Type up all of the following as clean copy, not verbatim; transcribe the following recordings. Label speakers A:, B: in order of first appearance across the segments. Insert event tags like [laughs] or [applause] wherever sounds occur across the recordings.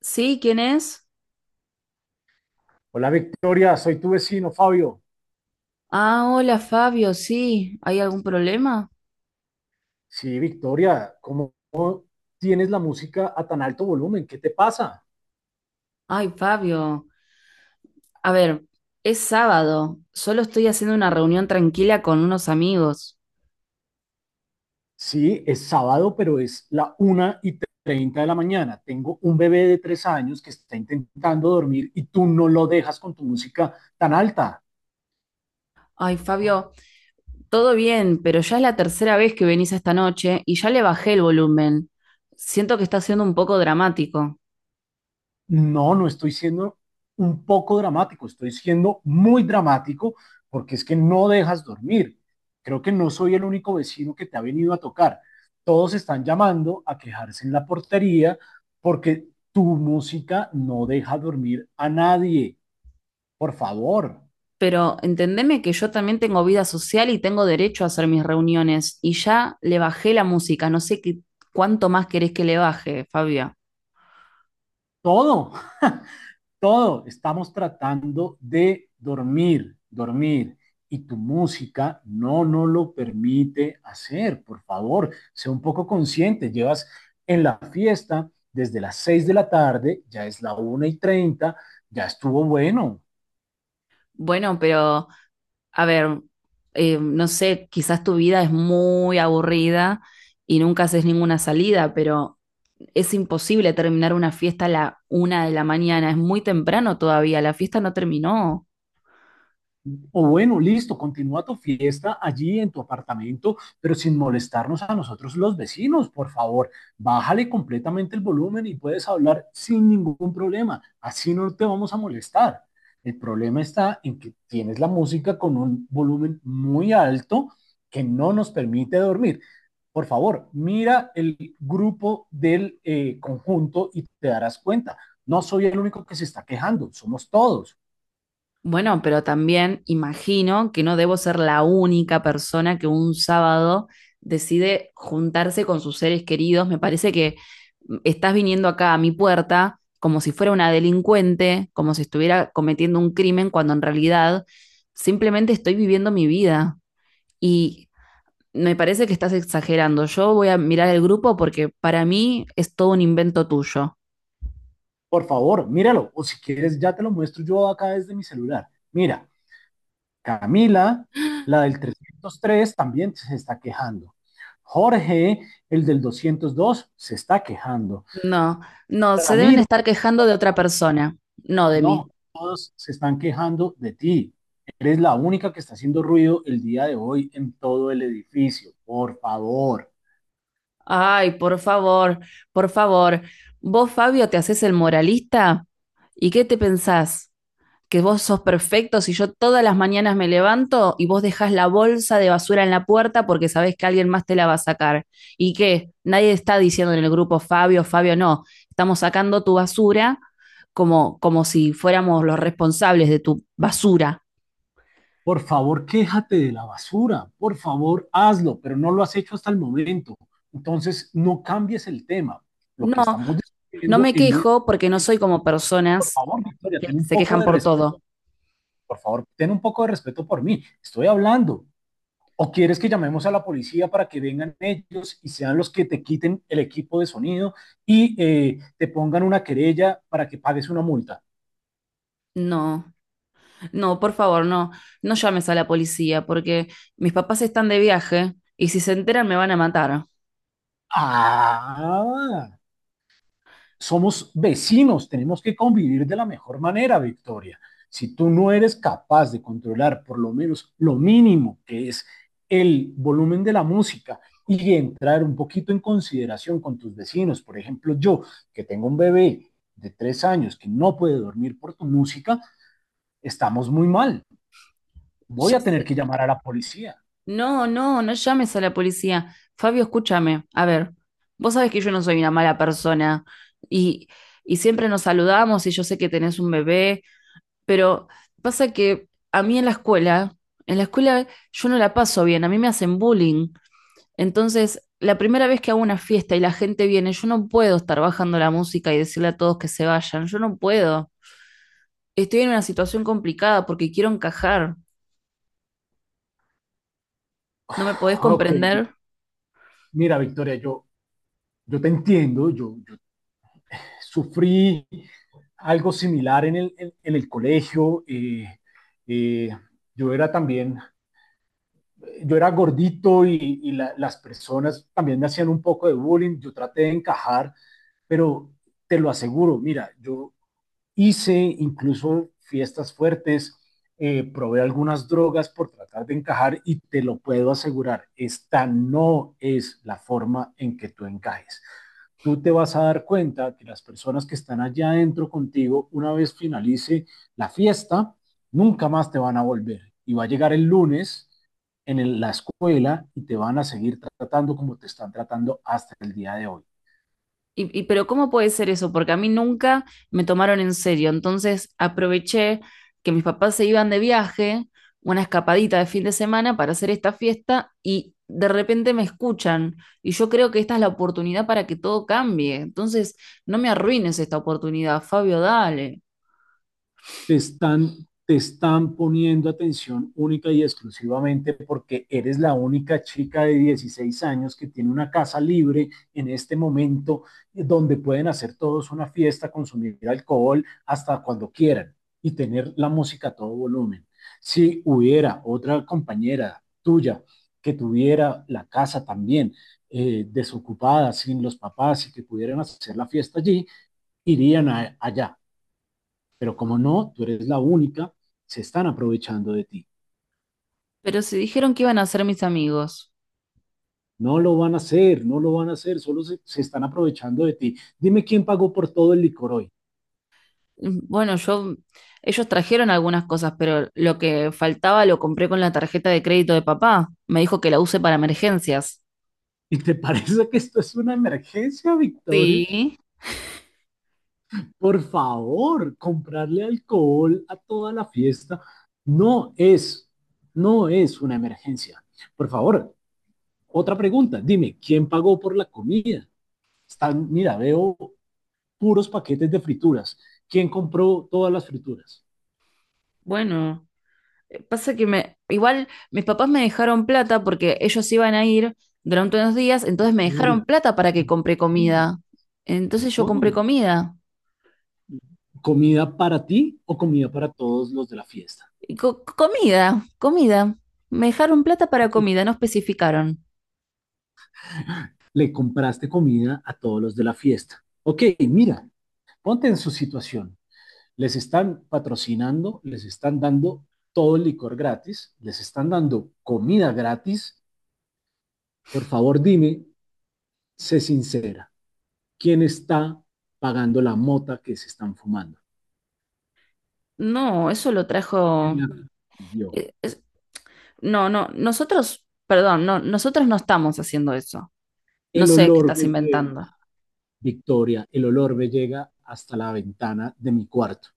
A: Sí, ¿quién es?
B: Hola Victoria, soy tu vecino Fabio.
A: Ah, hola Fabio, sí. ¿Hay algún problema?
B: Sí, Victoria, ¿cómo tienes la música a tan alto volumen? ¿Qué te pasa?
A: Ay, Fabio. A ver, es sábado. Solo estoy haciendo una reunión tranquila con unos amigos.
B: Sí, es sábado, pero es la 1:30 de la mañana. Tengo un bebé de 3 años que está intentando dormir y tú no lo dejas con tu música tan alta.
A: Ay, Fabio, todo bien, pero ya es la tercera vez que venís esta noche y ya le bajé el volumen. Siento que está siendo un poco dramático.
B: No, no estoy siendo un poco dramático, estoy siendo muy dramático porque es que no dejas dormir. Creo que no soy el único vecino que te ha venido a tocar. Todos están llamando a quejarse en la portería porque tu música no deja dormir a nadie. Por favor,
A: Pero entendeme que yo también tengo vida social y tengo derecho a hacer mis reuniones. Y ya le bajé la música. No sé qué, cuánto más querés que le baje, Fabio.
B: todo. todo, estamos tratando de dormir, dormir. Y tu música no nos lo permite hacer. Por favor, sea un poco consciente. Llevas en la fiesta desde las 6 de la tarde, ya es la 1:30, ya estuvo bueno.
A: Bueno, pero... a ver, no sé, quizás tu vida es muy aburrida y nunca haces ninguna salida, pero es imposible terminar una fiesta a la una de la mañana, es muy temprano todavía, la fiesta no terminó.
B: O bueno, listo, continúa tu fiesta allí en tu apartamento, pero sin molestarnos a nosotros los vecinos, por favor. Bájale completamente el volumen y puedes hablar sin ningún problema. Así no te vamos a molestar. El problema está en que tienes la música con un volumen muy alto que no nos permite dormir. Por favor, mira el grupo del conjunto y te darás cuenta. No soy el único que se está quejando, somos todos.
A: Bueno, pero también imagino que no debo ser la única persona que un sábado decide juntarse con sus seres queridos. Me parece que estás viniendo acá a mi puerta como si fuera una delincuente, como si estuviera cometiendo un crimen, cuando en realidad simplemente estoy viviendo mi vida. Y me parece que estás exagerando. Yo voy a mirar el grupo porque para mí es todo un invento tuyo.
B: Por favor, míralo. O si quieres, ya te lo muestro yo acá desde mi celular. Mira, Camila, la del 303 también se está quejando. Jorge, el del 202 se está quejando.
A: No, no, se deben
B: Ramiro,
A: estar quejando de otra persona, no de mí.
B: no, todos se están quejando de ti. Eres la única que está haciendo ruido el día de hoy en todo el edificio. Por favor.
A: Ay, por favor, por favor. Vos, Fabio, te haces el moralista. ¿Y qué te pensás? ¿Que vos sos perfecto si yo todas las mañanas me levanto y vos dejás la bolsa de basura en la puerta porque sabés que alguien más te la va a sacar? ¿Y qué? Nadie está diciendo en el grupo Fabio, Fabio, no. Estamos sacando tu basura como si fuéramos los responsables de tu basura.
B: Por favor, quéjate de la basura, por favor, hazlo, pero no lo has hecho hasta el momento. Entonces, no cambies el tema. Lo que
A: No,
B: estamos
A: no
B: discutiendo
A: me quejo porque no
B: de,
A: soy como
B: por
A: personas
B: favor, Victoria,
A: que
B: ten un
A: se
B: poco
A: quejan
B: de
A: por
B: respeto,
A: todo.
B: por favor, ten un poco de respeto por mí. Estoy hablando. ¿O quieres que llamemos a la policía para que vengan ellos y sean los que te quiten el equipo de sonido y te pongan una querella para que pagues una multa?
A: No. No, por favor, no, no llames a la policía porque mis papás están de viaje y si se enteran me van a matar.
B: Ah, somos vecinos, tenemos que convivir de la mejor manera, Victoria. Si tú no eres capaz de controlar por lo menos lo mínimo que es el volumen de la música y entrar un poquito en consideración con tus vecinos, por ejemplo, yo que tengo un bebé de tres años que no puede dormir por tu música, estamos muy mal. Voy
A: Ya
B: a
A: sé.
B: tener que llamar a la policía.
A: No, no, no llames a la policía. Fabio, escúchame. A ver, vos sabés que yo no soy una mala persona y, y siempre nos saludamos y yo sé que tenés un bebé, pero pasa que a mí en la escuela yo no la paso bien, a mí me hacen bullying. Entonces, la primera vez que hago una fiesta y la gente viene, yo no puedo estar bajando la música y decirle a todos que se vayan, yo no puedo. Estoy en una situación complicada porque quiero encajar. ¿No me podés
B: Ok,
A: comprender?
B: mira Victoria, yo te entiendo, sufrí algo similar en el colegio. Eh, yo era también, yo era gordito y las personas también me hacían un poco de bullying. Yo traté de encajar, pero te lo aseguro, mira, yo hice incluso fiestas fuertes, probé algunas drogas por tratar de encajar y te lo puedo asegurar, esta no es la forma en que tú encajes. Tú te vas a dar cuenta que las personas que están allá adentro contigo, una vez finalice la fiesta, nunca más te van a volver. Y va a llegar el lunes la escuela y te van a seguir tratando como te están tratando hasta el día de hoy.
A: Pero ¿cómo puede ser eso? Porque a mí nunca me tomaron en serio. Entonces aproveché que mis papás se iban de viaje, una escapadita de fin de semana para hacer esta fiesta y de repente me escuchan. Y yo creo que esta es la oportunidad para que todo cambie. Entonces no me arruines esta oportunidad, Fabio, dale.
B: te están, te están poniendo atención única y exclusivamente porque eres la única chica de 16 años que tiene una casa libre en este momento, donde pueden hacer todos una fiesta, consumir alcohol hasta cuando quieran y tener la música a todo volumen. Si hubiera otra compañera tuya que tuviera la casa también desocupada, sin los papás y que pudieran hacer la fiesta allí, irían allá. Pero como no, tú eres la única, se están aprovechando de ti.
A: Pero si dijeron que iban a ser mis amigos.
B: No lo van a hacer, no lo van a hacer, solo se están aprovechando de ti. Dime quién pagó por todo el licor hoy.
A: Bueno, ellos trajeron algunas cosas, pero lo que faltaba lo compré con la tarjeta de crédito de papá. Me dijo que la use para emergencias.
B: [laughs] ¿Y te parece que esto es una emergencia, Victoria?
A: Sí,
B: Por favor, comprarle alcohol a toda la fiesta no es, no es una emergencia. Por favor, otra pregunta. Dime, ¿quién pagó por la comida? Están, mira, veo puros paquetes de frituras. ¿Quién compró todas las frituras?
A: bueno, pasa igual mis papás me dejaron plata porque ellos iban a ir durante unos días, entonces me
B: Gloria,
A: dejaron plata para que compre
B: respóndeme,
A: comida. Entonces yo compré
B: respóndeme.
A: comida.
B: ¿Comida para ti o comida para todos los de la fiesta?
A: Comida, comida. Me dejaron plata para
B: Ok,
A: comida, no especificaron.
B: le compraste comida a todos los de la fiesta. Ok, mira, ponte en su situación. Les están patrocinando, les están dando todo el licor gratis, les están dando comida gratis. Por favor, dime, sé sincera, ¿quién está pagando la mota que se están fumando?
A: No, eso lo trajo. eh, es- no, no, nosotros, perdón, no, nosotros no estamos haciendo eso. No
B: El
A: sé qué
B: olor
A: estás
B: me lleva
A: inventando.
B: Victoria, el olor me llega hasta la ventana de mi cuarto.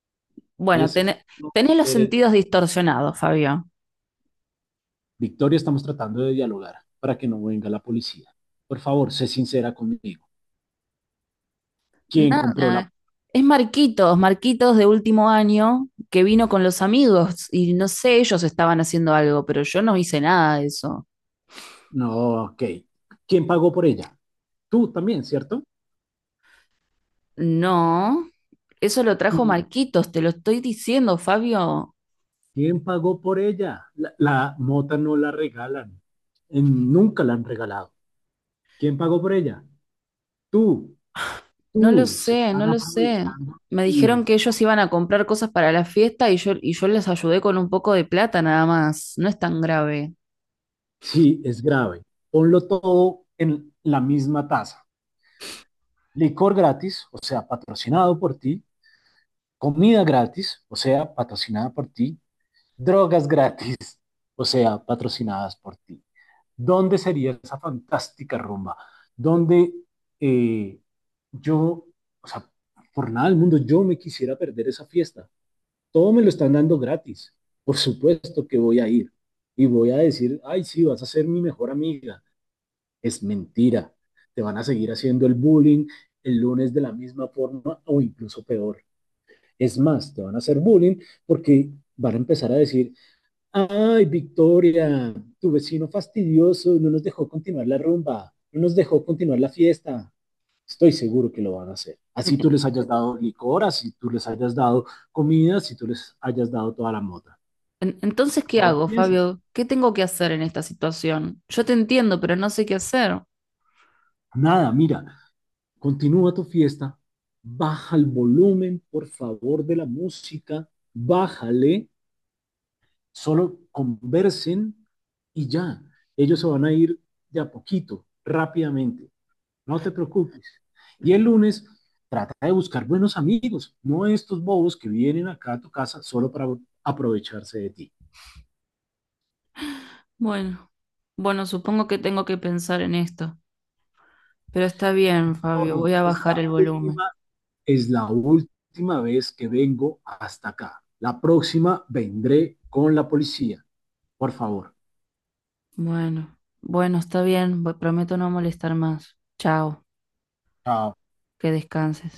A: Bueno,
B: Esa,
A: tené-
B: no me
A: tenés los
B: interesa.
A: sentidos distorsionados, Fabio.
B: Victoria, estamos tratando de dialogar para que no venga la policía. Por favor, sé sincera conmigo. ¿Quién compró la...
A: Nada. Es Marquitos, Marquitos de último año, que vino con los amigos y no sé, ellos estaban haciendo algo, pero yo no hice nada de eso.
B: No, ok. ¿Quién pagó por ella? Tú también, ¿cierto?
A: No, eso lo trajo Marquitos, te lo estoy diciendo, Fabio.
B: ¿Quién pagó por ella? La mota no la regalan. Nunca la han regalado. ¿Quién pagó por ella? Tú,
A: No lo
B: tú. Se
A: sé, no
B: están
A: lo sé.
B: aprovechando.
A: Me
B: De
A: dijeron que ellos iban a comprar cosas para la fiesta y yo les ayudé con un poco de plata nada más. No es tan grave.
B: Sí, es grave. Ponlo todo en la misma taza. Licor gratis, o sea, patrocinado por ti. Comida gratis, o sea, patrocinada por ti. Drogas gratis, o sea, patrocinadas por ti. ¿Dónde sería esa fantástica rumba? Donde eh, yo, o sea, por nada del mundo yo me quisiera perder esa fiesta. Todo me lo están dando gratis. Por supuesto que voy a ir y voy a decir, ay, sí, vas a ser mi mejor amiga. Es mentira. Te van a seguir haciendo el bullying el lunes de la misma forma o incluso peor. Es más, te van a hacer bullying porque van a empezar a decir, ay, Victoria, tu vecino fastidioso no nos dejó continuar la rumba, no nos dejó continuar la fiesta. Estoy seguro que lo van a hacer. Así tú
A: En-
B: les hayas dado licor, así tú les hayas dado comida, así tú les hayas dado toda la mota.
A: Entonces,
B: Por
A: ¿qué
B: favor,
A: hago,
B: piensen.
A: Fabio? ¿Qué tengo que hacer en esta situación? Yo te entiendo, pero no sé qué hacer.
B: Nada, mira, continúa tu fiesta, baja el volumen, por favor, de la música, bájale, solo conversen y ya. Ellos se van a ir de a poquito, rápidamente, no te preocupes. Y el lunes trata de buscar buenos amigos, no estos bobos que vienen acá a tu casa solo para aprovecharse de ti.
A: Bueno, bueno, supongo que tengo que pensar en esto, pero está bien, Fabio, voy
B: Dorian,
A: a bajar el volumen.
B: es la última vez que vengo hasta acá. La próxima vendré con la policía, por favor.
A: Bueno, bueno, está bien, prometo no molestar más. Chao,
B: ah.
A: que descanses.